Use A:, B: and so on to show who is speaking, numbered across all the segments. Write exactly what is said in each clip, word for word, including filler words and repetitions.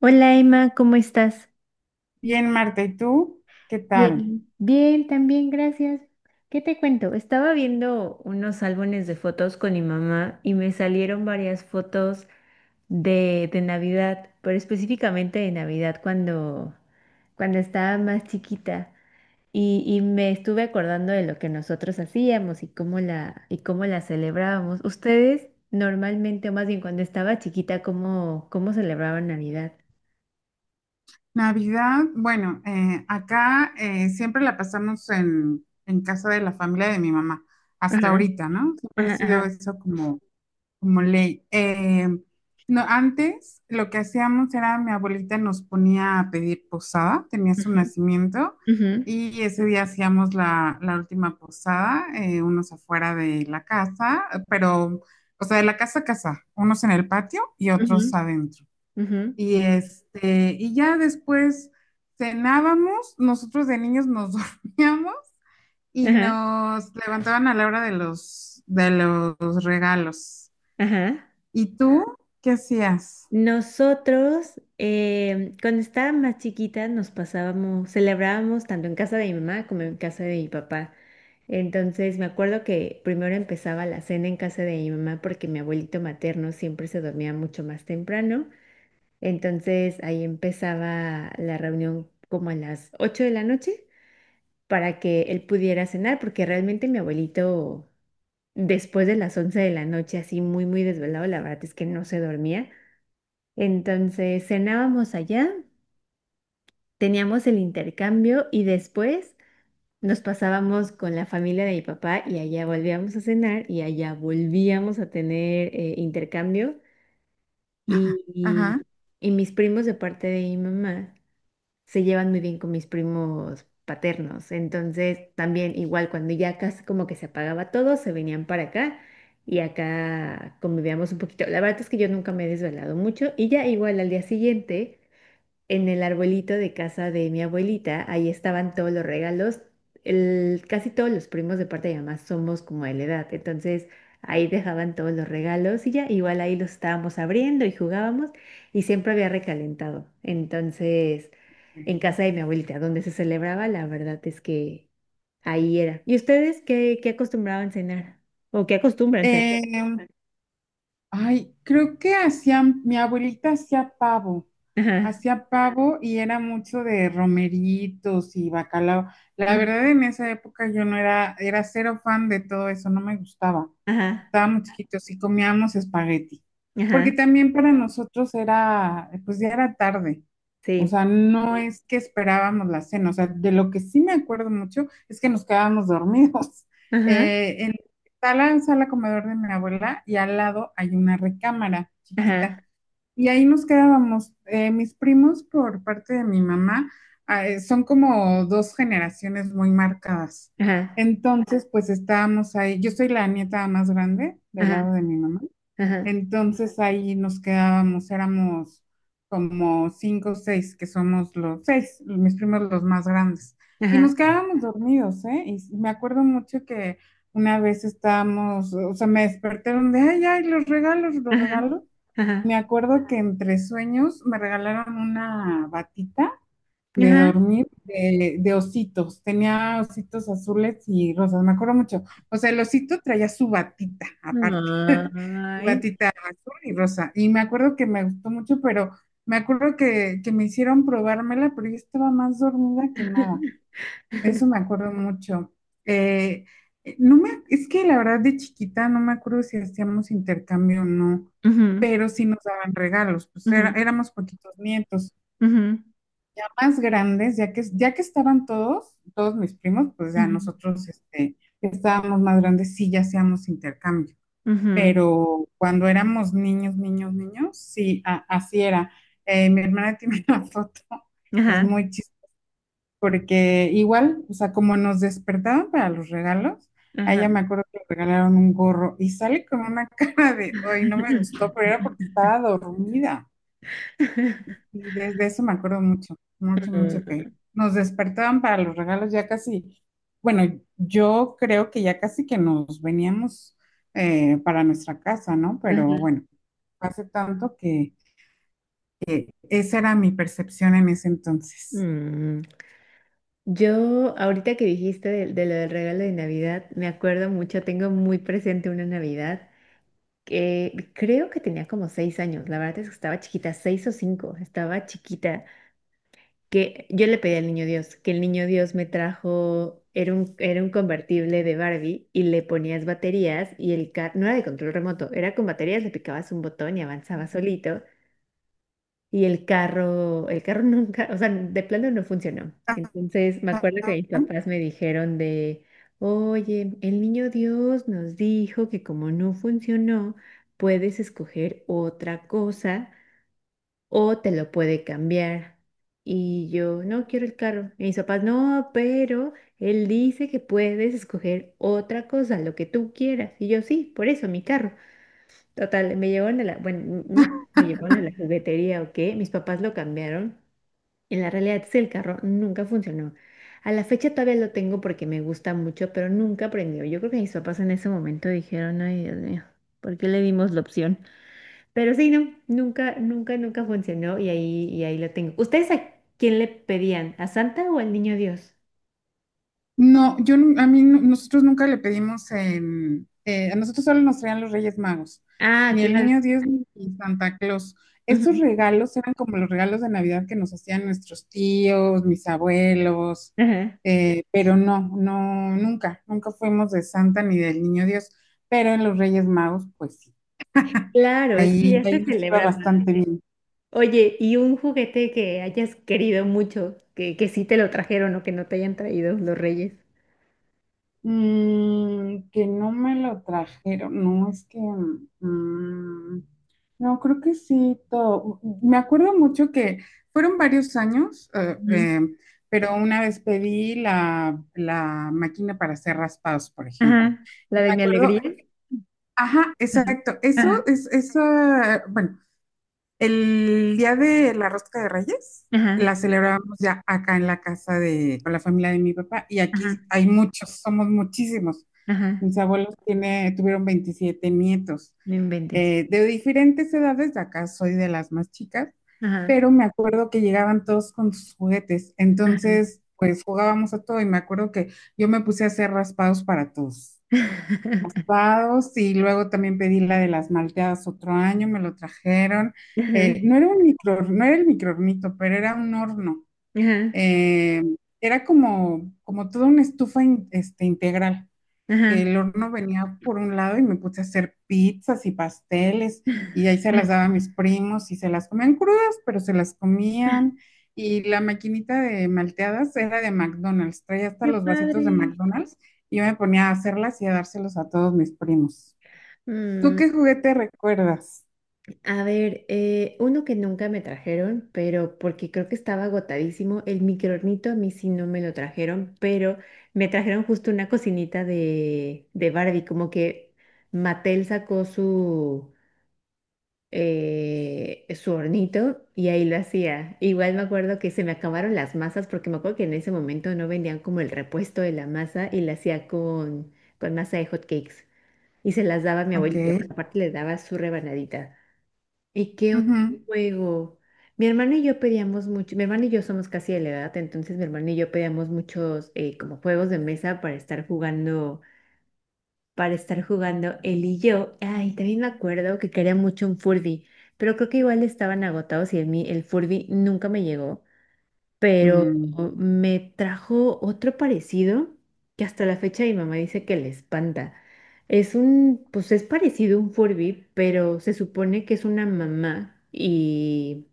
A: Hola Emma, ¿cómo estás?
B: Bien, Marta, ¿y tú? ¿Qué tal?
A: Bien, también, gracias. ¿Qué te cuento? Estaba viendo unos álbumes de fotos con mi mamá y me salieron varias fotos de, de Navidad, pero específicamente de Navidad cuando, cuando estaba más chiquita. Y, y me estuve acordando de lo que nosotros hacíamos y cómo la, y cómo la celebrábamos. ¿Ustedes normalmente, o más bien cuando estaba chiquita, cómo, cómo celebraban Navidad?
B: Navidad, bueno, eh, acá eh, siempre la pasamos en, en casa de la familia de mi mamá, hasta
A: Ajá,
B: ahorita, ¿no? Siempre ha
A: ajá,
B: sido
A: ajá.
B: eso como, como ley. Eh, no, antes lo que hacíamos era mi abuelita nos ponía a pedir posada, tenía su
A: Ujú,
B: nacimiento
A: ujú,
B: y ese día hacíamos la, la última posada, eh, unos afuera de la casa, pero, o sea, de la casa a casa, unos en el patio y otros
A: ujú.
B: adentro.
A: Ujú,
B: Y este, y ya después cenábamos, nosotros de niños nos dormíamos y
A: ajá,
B: nos levantaban a la hora de los de los regalos.
A: ajá.
B: ¿Y tú qué hacías?
A: Nosotros, eh, cuando estaba más chiquita, nos pasábamos, celebrábamos tanto en casa de mi mamá como en casa de mi papá. Entonces, me acuerdo que primero empezaba la cena en casa de mi mamá porque mi abuelito materno siempre se dormía mucho más temprano. Entonces, ahí empezaba la reunión como a las ocho de la noche para que él pudiera cenar, porque realmente mi abuelito después de las once de la noche, así muy, muy desvelado, la verdad es que no se dormía. Entonces cenábamos allá, teníamos el intercambio y después nos pasábamos con la familia de mi papá y allá volvíamos a cenar y allá volvíamos a tener eh, intercambio y,
B: Ajá.
A: y y mis primos de parte de mi mamá se llevan muy bien con mis primos paternos. Entonces, también igual cuando ya casi como que se apagaba todo, se venían para acá y acá convivíamos un poquito. La verdad es que yo nunca me he desvelado mucho y ya igual al día siguiente en el arbolito de casa de mi abuelita, ahí estaban todos los regalos. El, casi todos los primos de parte de mi mamá somos como de la edad, entonces ahí dejaban todos los regalos y ya, igual ahí los estábamos abriendo y jugábamos y siempre había recalentado. Entonces, en
B: Mm.
A: casa de mi abuelita, donde se celebraba, la verdad es que ahí era. ¿Y ustedes qué, qué acostumbraban cenar? ¿O qué acostumbran cenar?
B: Eh, Ay, creo que hacían, mi abuelita hacía pavo,
A: Ajá,
B: hacía pavo y era mucho de romeritos y bacalao. La
A: ajá,
B: verdad, en esa época yo no era, era cero fan de todo eso, no me gustaba.
A: ajá,
B: Estábamos chiquitos y comíamos espagueti, porque
A: ajá,
B: también para nosotros era, pues ya era tarde, o
A: sí,
B: sea, no es que esperábamos la cena, o sea, de lo que sí me acuerdo mucho es que nos quedábamos dormidos.
A: ajá,
B: Eh, en, Está la sala comedor de mi abuela y al lado hay una recámara
A: ajá,
B: chiquita. Y ahí nos quedábamos. Eh, mis primos, por parte de mi mamá, ah, eh, son como dos generaciones muy marcadas.
A: ajá,
B: Entonces, pues estábamos ahí. Yo soy la nieta más grande del lado
A: ajá.
B: de mi mamá.
A: Ajá,
B: Entonces ahí nos quedábamos, éramos como cinco o seis, que somos los seis, mis primos los más grandes. Y nos
A: ajá,
B: quedábamos dormidos, ¿eh? Y me acuerdo mucho que una vez estábamos, o sea, me despertaron de, ay, ay, los regalos, los
A: ajá,
B: regalos. Me
A: ajá,
B: acuerdo que entre sueños me regalaron una batita de
A: ajá.
B: dormir de, de ositos. Tenía ositos azules y rosas, me acuerdo mucho. O sea, el osito traía su batita aparte, su
A: Ay.
B: batita azul y rosa. Y me acuerdo que me gustó mucho, pero me acuerdo que, que me hicieron probármela, pero yo estaba más dormida que nada de eso me acuerdo mucho. Eh, eh, no me, es que la verdad de chiquita no me acuerdo si hacíamos intercambio o no,
A: Ujú,
B: pero sí nos daban regalos, pues era-
A: ujú,
B: éramos poquitos nietos.
A: ujú,
B: Más grandes, ya que, ya que estaban todos, todos mis primos, pues ya
A: ujú,
B: nosotros este, que estábamos más grandes, sí ya hacíamos intercambio.
A: ujú.
B: Pero cuando éramos niños, niños, niños, sí, a- así era. Eh, mi hermana tiene una foto, es
A: Ajá,
B: muy chistosa porque igual, o sea, como nos despertaban para los regalos, a
A: ajá.
B: ella me acuerdo que le regalaron un gorro y sale con una cara de, hoy no me gustó, pero era porque estaba dormida. Y desde eso me acuerdo mucho, mucho, mucho que nos despertaban para los regalos ya casi, bueno, yo creo que ya casi que nos veníamos eh, para nuestra casa, ¿no? Pero
A: Ajá.
B: bueno, hace tanto que esa era mi percepción en ese entonces.
A: Mm. Yo, ahorita que dijiste de, de lo del regalo de Navidad, me acuerdo mucho, tengo muy presente una Navidad que creo que tenía como seis años, la verdad es que estaba chiquita, seis o cinco, estaba chiquita que yo le pedí al niño Dios, que el niño Dios me trajo, era un, era un convertible de Barbie y le ponías baterías y el carro, no era de control remoto, era con baterías, le picabas un botón y avanzaba solito y el carro, el carro nunca, o sea, de plano no funcionó. Entonces me acuerdo que mis papás me dijeron de, oye, el niño Dios nos dijo que como no funcionó, puedes escoger otra cosa o te lo puede cambiar. Y yo, no quiero el carro. Y mis papás, no, pero él dice que puedes escoger otra cosa, lo que tú quieras. Y yo, sí, por eso, mi carro. Total, me llevaron a la, bueno, no, me llevaron a la juguetería o qué, mis papás lo cambiaron. En la realidad es que el carro nunca funcionó. A la fecha todavía lo tengo porque me gusta mucho, pero nunca prendió. Yo creo que mis papás en ese momento dijeron, ay, Dios mío, ¿por qué le dimos la opción? Pero sí, no, nunca, nunca, nunca funcionó y ahí, y ahí lo tengo. ¿Ustedes a quién le pedían? ¿A Santa o al Niño Dios?
B: No, yo nu- a mí nu- nosotros nunca le pedimos en eh, a nosotros solo nos traían los Reyes Magos,
A: Ah,
B: ni el
A: claro.
B: Niño Dios ni Santa Claus. Estos
A: Ujú.
B: regalos eran como los regalos de Navidad que nos hacían nuestros tíos, mis abuelos,
A: Ajá.
B: eh, pero no, no, nunca, nunca fuimos de Santa ni del Niño Dios, pero en los Reyes Magos, pues sí,
A: Claro, es que
B: ahí,
A: ya
B: ahí
A: se
B: nos iba
A: celebra más.
B: bastante bien.
A: Oye, ¿y un juguete que hayas querido mucho, que, que sí te lo trajeron o que no te hayan traído los reyes?
B: Mm, que no me lo trajeron, no es que, mm, no, creo que sí, todo. Me acuerdo mucho que fueron varios años, eh,
A: Ujú.
B: eh, pero una vez pedí la, la máquina para hacer raspados, por ejemplo.
A: Ajá, la
B: Y
A: de
B: me
A: mi
B: acuerdo,
A: alegría.
B: ajá,
A: Ajá,
B: exacto, eso
A: ajá,
B: es, eso, bueno, el día de la rosca de Reyes la
A: ajá,
B: celebramos ya acá en la casa de con la familia de mi papá y
A: ajá,
B: aquí hay muchos, somos muchísimos.
A: ajá,
B: Mis abuelos tiene, tuvieron veintisiete nietos
A: no inventes.
B: eh, de diferentes edades, de acá soy de las más chicas,
A: Ajá,
B: pero me acuerdo que llegaban todos con sus juguetes,
A: ajá,
B: entonces pues jugábamos a todo y me acuerdo que yo me puse a hacer raspados para todos malteados, y luego también pedí la de las malteadas otro año, me lo trajeron.
A: ajá,
B: Eh, no era un micro, no era el microhornito, pero era un horno.
A: ajá,
B: Eh, Era como, como toda una estufa in- este, integral.
A: ajá,
B: El horno venía por un lado y me puse a hacer pizzas y pasteles y ahí se las
A: ajá.
B: daba a mis primos y se las comían crudas, pero se las comían. Y la maquinita de malteadas era de McDonald's, traía hasta
A: Qué
B: los vasitos de
A: padre.
B: McDonald's y yo me ponía a hacerlas y a dárselos a todos mis primos. ¿Tú
A: Mm,
B: qué juguete recuerdas?
A: a ver, eh, uno que nunca me trajeron, pero porque creo que estaba agotadísimo, el microornito a mí sí no me lo trajeron, pero me trajeron justo una cocinita de, de Barbie, como que Mattel sacó su, eh, su hornito y ahí lo hacía. Igual me acuerdo que se me acabaron las masas, porque me acuerdo que en ese momento no vendían como el repuesto de la masa y la hacía con, con masa de hot cakes. Y se las daba a mi
B: Ok.
A: abuelito, aparte le daba su rebanadita. ¿Y qué otro
B: Ujú.
A: juego? Mi hermano y yo pedíamos mucho, mi hermano y yo somos casi de la edad, entonces mi hermano y yo pedíamos muchos eh, como juegos de mesa para estar jugando, para estar jugando él y yo. Ay, también me acuerdo que quería mucho un Furby, pero creo que igual estaban agotados y a mí el Furby nunca me llegó pero
B: Mm,
A: me trajo otro parecido que hasta la fecha mi mamá dice que le espanta. Es un, pues es parecido a un Furby, pero se supone que es una mamá y,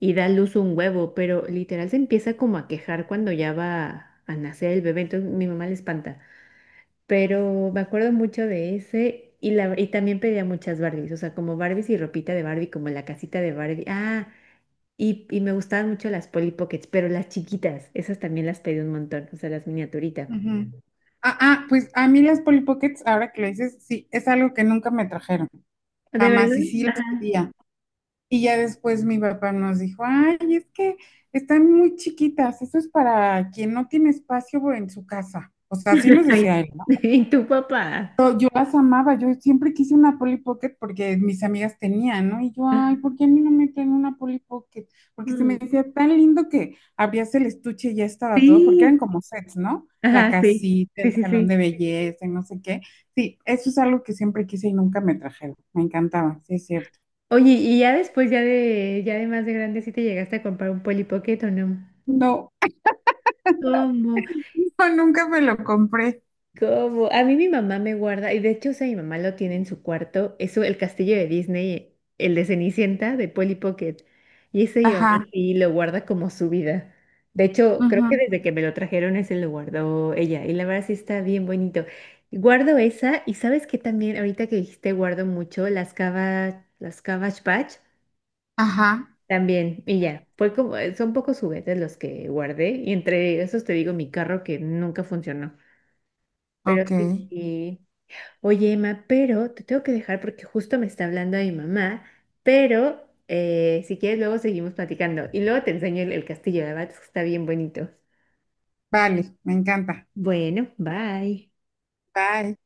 A: y da a luz un huevo, pero literal se empieza como a quejar cuando ya va a nacer el bebé, entonces mi mamá le espanta. Pero me acuerdo mucho de ese. Y, la, y también pedía muchas Barbies, o sea, como Barbies y ropita de Barbie, como la casita de Barbie. Ah, y, y me gustaban mucho las Polly Pockets, pero las chiquitas, esas también las pedí un montón, o sea, las miniaturitas.
B: ujú. Ah, ah, pues a mí las Polly Pockets, ahora que lo dices, sí, es algo que nunca me trajeron.
A: ¿De
B: Jamás, y
A: verdad?
B: sí las
A: Ajá.
B: pedía. Y ya después mi papá nos dijo, ay, es que están muy chiquitas, eso es para quien no tiene espacio en su casa. O sea, así nos
A: Ay,
B: decía él, ¿no?
A: ¿Y tu papá?
B: Pero yo las amaba, yo siempre quise una Polly Pocket porque mis amigas tenían, ¿no? Y yo, ay, ¿por qué a mí no me traen una Polly Pocket? Porque se me
A: Mm,
B: decía tan lindo que abrías el estuche y ya estaba todo, porque eran
A: sí.
B: como sets, ¿no? La
A: Ajá, sí.
B: casita,
A: Sí,
B: el
A: sí,
B: salón de
A: sí.
B: belleza y no sé qué. Sí, eso es algo que siempre quise y nunca me trajeron. Me encantaba, sí es cierto.
A: Oye, ¿y ya después, ya de, ya de más de grande, sí te llegaste a comprar un Polly Pocket o no?
B: No,
A: ¿Cómo?
B: No, nunca me lo compré.
A: ¿Cómo? A mí mi mamá me guarda, y de hecho, o sea, mi mamá lo tiene en su cuarto, eso, el castillo de Disney, el de Cenicienta, de Polly Pocket, y ese mi mamá
B: Ajá,
A: sí lo guarda como su vida. De hecho, creo que
B: ujú,
A: desde que me lo trajeron ese lo guardó ella, y la verdad sí está bien bonito. Guardo esa, y sabes que también, ahorita que dijiste, guardo mucho las cava, las Cabbage Patch,
B: ajá,
A: también, y ya, fue como, eh, son pocos juguetes los que guardé, y entre esos te digo mi carro que nunca funcionó, pero
B: ok.
A: sí. Oye, Emma, pero te tengo que dejar porque justo me está hablando mi mamá, pero eh, si quieres luego seguimos platicando y luego te enseño el, el castillo de Abad, que está bien bonito.
B: Vale, me encanta.
A: Bueno, bye.
B: Bye.